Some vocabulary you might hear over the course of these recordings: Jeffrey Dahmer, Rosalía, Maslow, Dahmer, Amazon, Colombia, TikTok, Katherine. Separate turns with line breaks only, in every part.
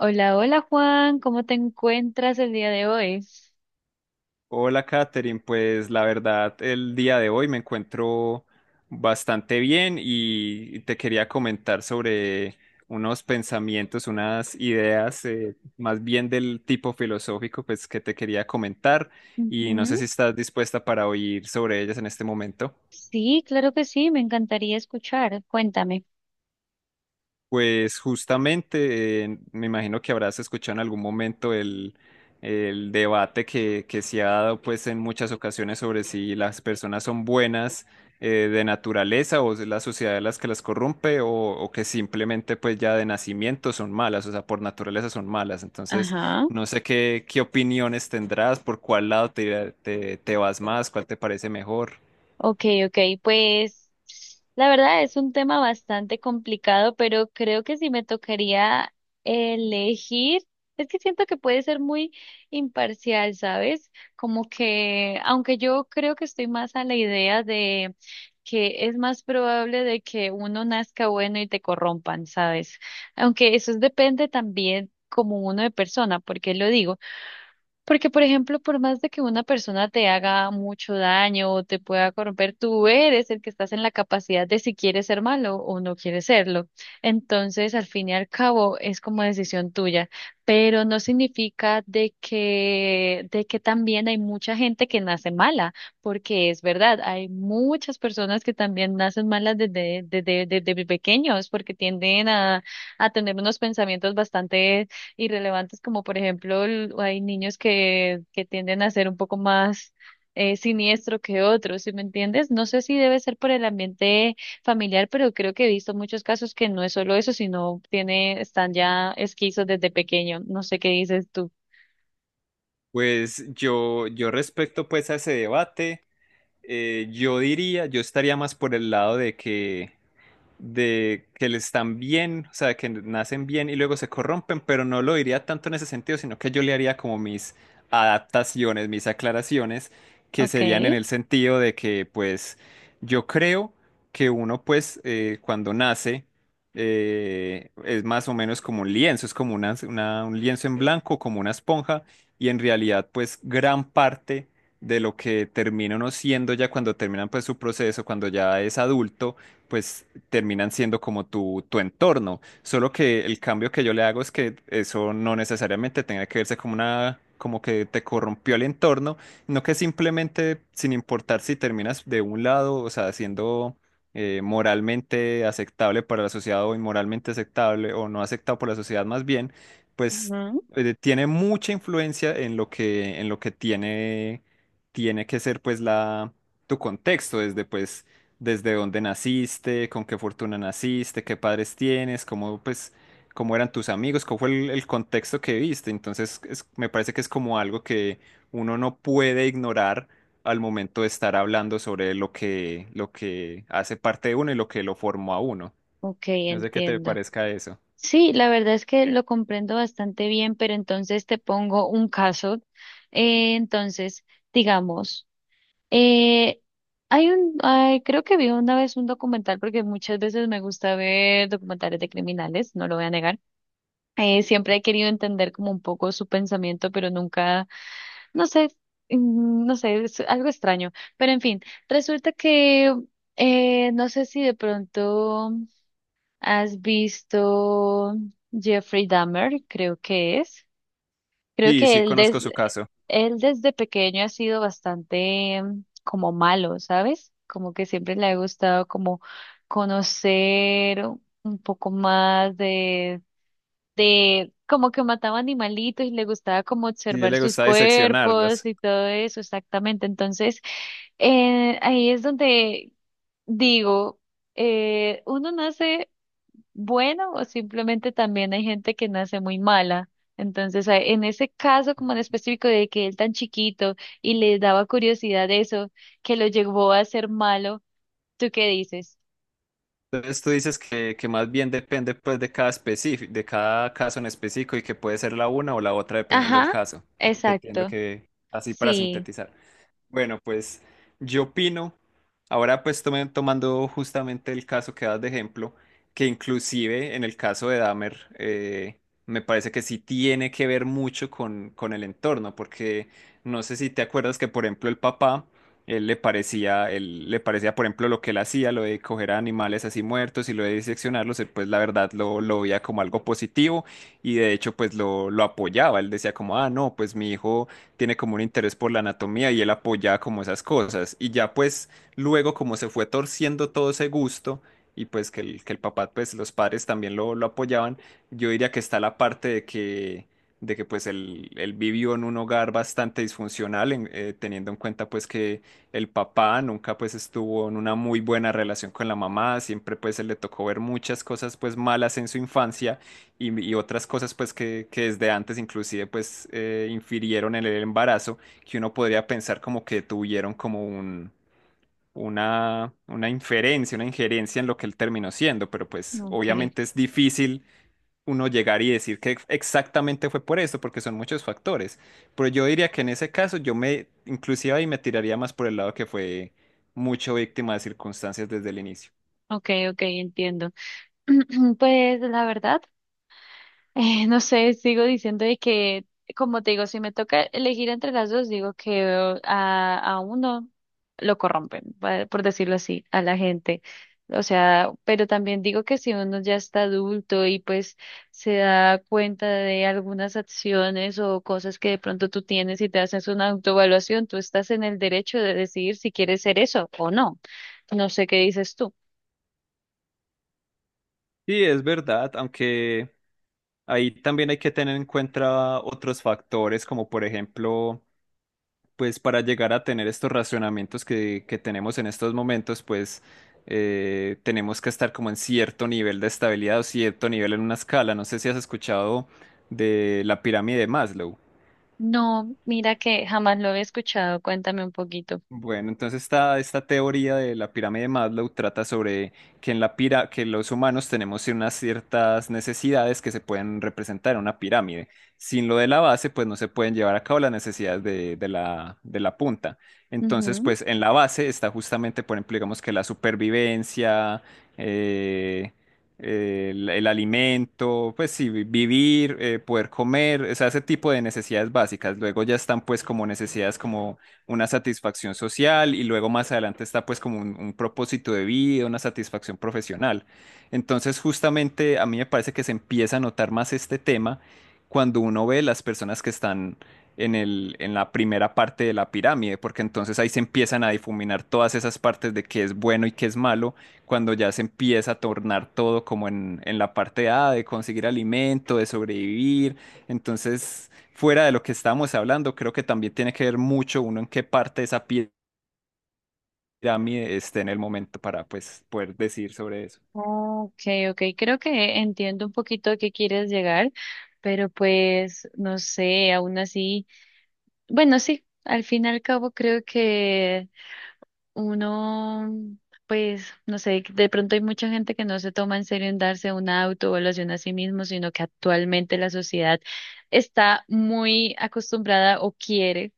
Hola, hola Juan, ¿cómo te encuentras el día de hoy?
Hola, Katherine. Pues la verdad, el día de hoy me encuentro bastante bien y te quería comentar sobre unos pensamientos, unas ideas, más bien del tipo filosófico, pues que te quería comentar y no sé
Ujú.
si estás dispuesta para oír sobre ellas en este momento.
Sí, claro que sí, me encantaría escuchar. Cuéntame.
Pues justamente, me imagino que habrás escuchado en algún momento el debate que se ha dado pues en muchas ocasiones sobre si las personas son buenas de naturaleza o es la sociedad las que las corrompe o que simplemente pues ya de nacimiento son malas, o sea, por naturaleza son malas. Entonces,
Ajá.
no sé qué, qué opiniones tendrás, por cuál lado te, te, te vas más, cuál te parece mejor.
Okay, okay, pues la verdad es un tema bastante complicado, pero creo que si me tocaría elegir, es que siento que puede ser muy imparcial, ¿sabes? Como que, aunque yo creo que estoy más a la idea de que es más probable de que uno nazca bueno y te corrompan, ¿sabes? Aunque eso depende también como uno de persona, porque lo digo. Porque, por ejemplo, por más de que una persona te haga mucho daño o te pueda corromper, tú eres el que estás en la capacidad de si quieres ser malo o no quieres serlo. Entonces, al fin y al cabo, es como decisión tuya, pero no significa de que también hay mucha gente que nace mala, porque es verdad, hay muchas personas que también nacen malas desde pequeños, porque tienden a tener unos pensamientos bastante irrelevantes, como por ejemplo hay niños que tienden a ser un poco más siniestro que otros, ¿sí me entiendes? No sé si debe ser por el ambiente familiar, pero creo que he visto muchos casos que no es solo eso, sino tiene, están ya esquizos desde pequeño. No sé qué dices tú.
Pues yo respecto pues a ese debate. Yo diría, yo estaría más por el lado de que le están bien, o sea, que nacen bien y luego se corrompen, pero no lo diría tanto en ese sentido, sino que yo le haría como mis adaptaciones, mis aclaraciones, que serían en
Okay.
el sentido de que, pues, yo creo que uno, pues, cuando nace, es más o menos como un lienzo, es como un lienzo en blanco, como una esponja, y en realidad, pues, gran parte de lo que termina uno siendo ya cuando terminan, pues, su proceso, cuando ya es adulto, pues terminan siendo como tu entorno. Solo que el cambio que yo le hago es que eso no necesariamente tenga que verse como una, como que te corrompió el entorno, no que simplemente, sin importar si terminas de un lado, o sea, siendo moralmente aceptable para la sociedad o inmoralmente aceptable o no aceptado por la sociedad más bien, pues
Ujú.
tiene mucha influencia en lo que tiene, tiene que ser pues la, tu contexto, desde pues desde dónde naciste, con qué fortuna naciste, qué padres tienes, cómo, pues, cómo eran tus amigos, cómo fue el contexto que viste. Entonces, me parece que es como algo que uno no puede ignorar al momento de estar hablando sobre lo que hace parte de uno y lo que lo formó a uno.
Ok,
No sé qué te
entiendo.
parezca eso.
Sí, la verdad es que lo comprendo bastante bien, pero entonces te pongo un caso. Entonces, digamos. Eh, Hay un, ay, creo que vi una vez un documental, porque muchas veces me gusta ver documentales de criminales, no lo voy a negar. Siempre he querido entender como un poco su pensamiento, pero nunca, no sé, no sé, es algo extraño. Pero en fin, resulta que no sé si de pronto has visto Jeffrey Dahmer, creo que es. Creo
Sí,
que
sí, conozco su caso.
él desde pequeño ha sido bastante como malo, ¿sabes? Como que siempre le ha gustado como conocer un poco más como que mataba animalitos y le gustaba como
Sí, a él
observar
le
sus
gusta diseccionarlos.
cuerpos y todo eso, exactamente. Entonces, ahí es donde digo, uno nace bueno o simplemente también hay gente que nace muy mala. Entonces, en ese caso como en específico de que él tan chiquito y le daba curiosidad eso, que lo llevó a ser malo, ¿tú qué dices?
Entonces tú dices que más bien depende pues de cada específico, de cada caso en específico y que puede ser la una o la otra dependiendo del
Ajá,
caso. Es lo que entiendo
exacto.
que así para
Sí,
sintetizar. Bueno, pues yo opino, ahora pues tomando justamente el caso que das de ejemplo, que inclusive en el caso de Dahmer, me parece que sí tiene que ver mucho con el entorno, porque no sé si te acuerdas que por ejemplo el papá, él le parecía por ejemplo lo que él hacía, lo de coger a animales así muertos y lo de diseccionarlos, él pues la verdad lo veía como algo positivo y de hecho pues lo apoyaba, él decía como, ah, no, pues mi hijo tiene como un interés por la anatomía y él apoyaba como esas cosas. Y ya pues luego como se fue torciendo todo ese gusto y pues que el papá, pues los padres también lo apoyaban, yo diría que está la parte de que pues él vivió en un hogar bastante disfuncional, teniendo en cuenta pues que el papá nunca pues estuvo en una muy buena relación con la mamá, siempre pues él le tocó ver muchas cosas pues malas en su infancia y otras cosas pues que desde antes inclusive pues infirieron en el embarazo, que uno podría pensar como que tuvieron como un, una inferencia, una injerencia en lo que él terminó siendo, pero pues
ok,
obviamente es difícil uno llegar y decir que exactamente fue por esto, porque son muchos factores, pero yo diría que en ese caso yo me inclusive ahí me tiraría más por el lado que fue mucho víctima de circunstancias desde el inicio.
ok, entiendo. Pues la verdad. No sé, sigo diciendo de que, como te digo, si me toca elegir entre las dos, digo que a uno lo corrompen, por decirlo así, a la gente. O sea, pero también digo que si uno ya está adulto y pues se da cuenta de algunas acciones o cosas que de pronto tú tienes y te haces una autoevaluación, tú estás en el derecho de decidir si quieres ser eso o no. No sé qué dices tú.
Sí, es verdad, aunque ahí también hay que tener en cuenta otros factores, como por ejemplo, pues para llegar a tener estos racionamientos que tenemos en estos momentos, pues tenemos que estar como en cierto nivel de estabilidad o cierto nivel en una escala. No sé si has escuchado de la pirámide de Maslow.
No, mira que jamás lo he escuchado. Cuéntame un poquito.
Bueno, entonces esta teoría de la pirámide de Maslow trata sobre que en la pira, que los humanos tenemos unas ciertas necesidades que se pueden representar en una pirámide. Sin lo de la base, pues no se pueden llevar a cabo las necesidades de la punta. Entonces, pues en la base está justamente, por ejemplo, digamos que la supervivencia, eh, el alimento, pues sí, vivir, poder comer, o sea, ese tipo de necesidades básicas. Luego ya están pues como necesidades como una satisfacción social y luego más adelante está pues como un propósito de vida, una satisfacción profesional. Entonces justamente a mí me parece que se empieza a notar más este tema cuando uno ve las personas que están en el, en la primera parte de la pirámide, porque entonces ahí se empiezan a difuminar todas esas partes de qué es bueno y qué es malo, cuando ya se empieza a tornar todo como en la parte A, de conseguir alimento, de sobrevivir. Entonces fuera de lo que estábamos hablando, creo que también tiene que ver mucho uno en qué parte de esa pirámide esté en el momento para pues poder decir sobre eso.
Ok, ok, creo que entiendo un poquito a qué quieres llegar, pero pues no sé, aún así, bueno, sí, al fin y al cabo creo que uno, pues no sé, de pronto hay mucha gente que no se toma en serio en darse una autoevaluación a sí mismo, sino que actualmente la sociedad está muy acostumbrada o quiere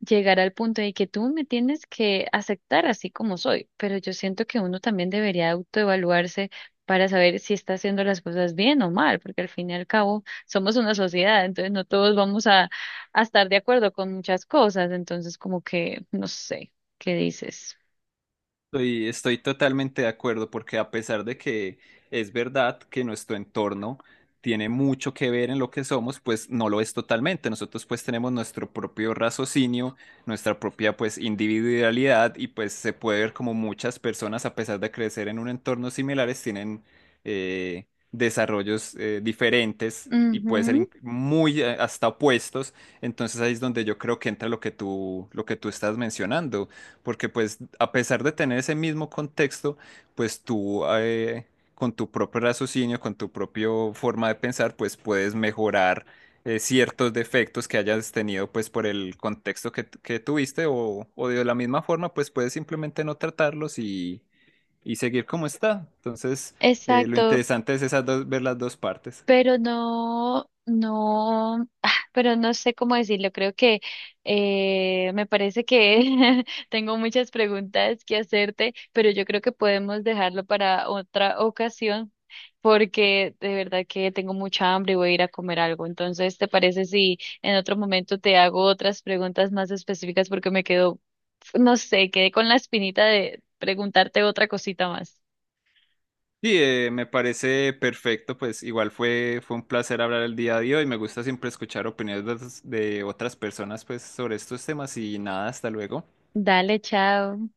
llegar al punto de que tú me tienes que aceptar así como soy, pero yo siento que uno también debería autoevaluarse para saber si está haciendo las cosas bien o mal, porque al fin y al cabo somos una sociedad, entonces no todos vamos a estar de acuerdo con muchas cosas, entonces como que, no sé, ¿qué dices?
Estoy totalmente de acuerdo porque a pesar de que es verdad que nuestro entorno tiene mucho que ver en lo que somos, pues no lo es totalmente. Nosotros pues tenemos nuestro propio raciocinio, nuestra propia pues individualidad y pues se puede ver como muchas personas a pesar de crecer en un entorno similares tienen desarrollos diferentes y puede ser
Ujú,
muy hasta opuestos. Entonces ahí es donde yo creo que entra lo que tú estás mencionando porque pues a pesar de tener ese mismo contexto, pues tú con tu propio raciocinio, con tu propia forma de pensar, pues puedes mejorar ciertos defectos que hayas tenido pues por el contexto que tuviste o de la misma forma, pues puedes simplemente no tratarlos y seguir como está. Entonces, lo
exacto,
interesante es esas dos, ver las dos partes.
pero ah, pero no sé cómo decirlo. Creo que me parece que tengo muchas preguntas que hacerte, pero yo creo que podemos dejarlo para otra ocasión. Porque de verdad que tengo mucha hambre y voy a ir a comer algo. Entonces, ¿te parece si en otro momento te hago otras preguntas más específicas porque me quedo, no sé, quedé con la espinita de preguntarte otra cosita más?
Sí, me parece perfecto, pues igual fue, fue un placer hablar el día de hoy. Me gusta siempre escuchar opiniones de otras personas pues sobre estos temas y nada, hasta luego.
Dale, chao.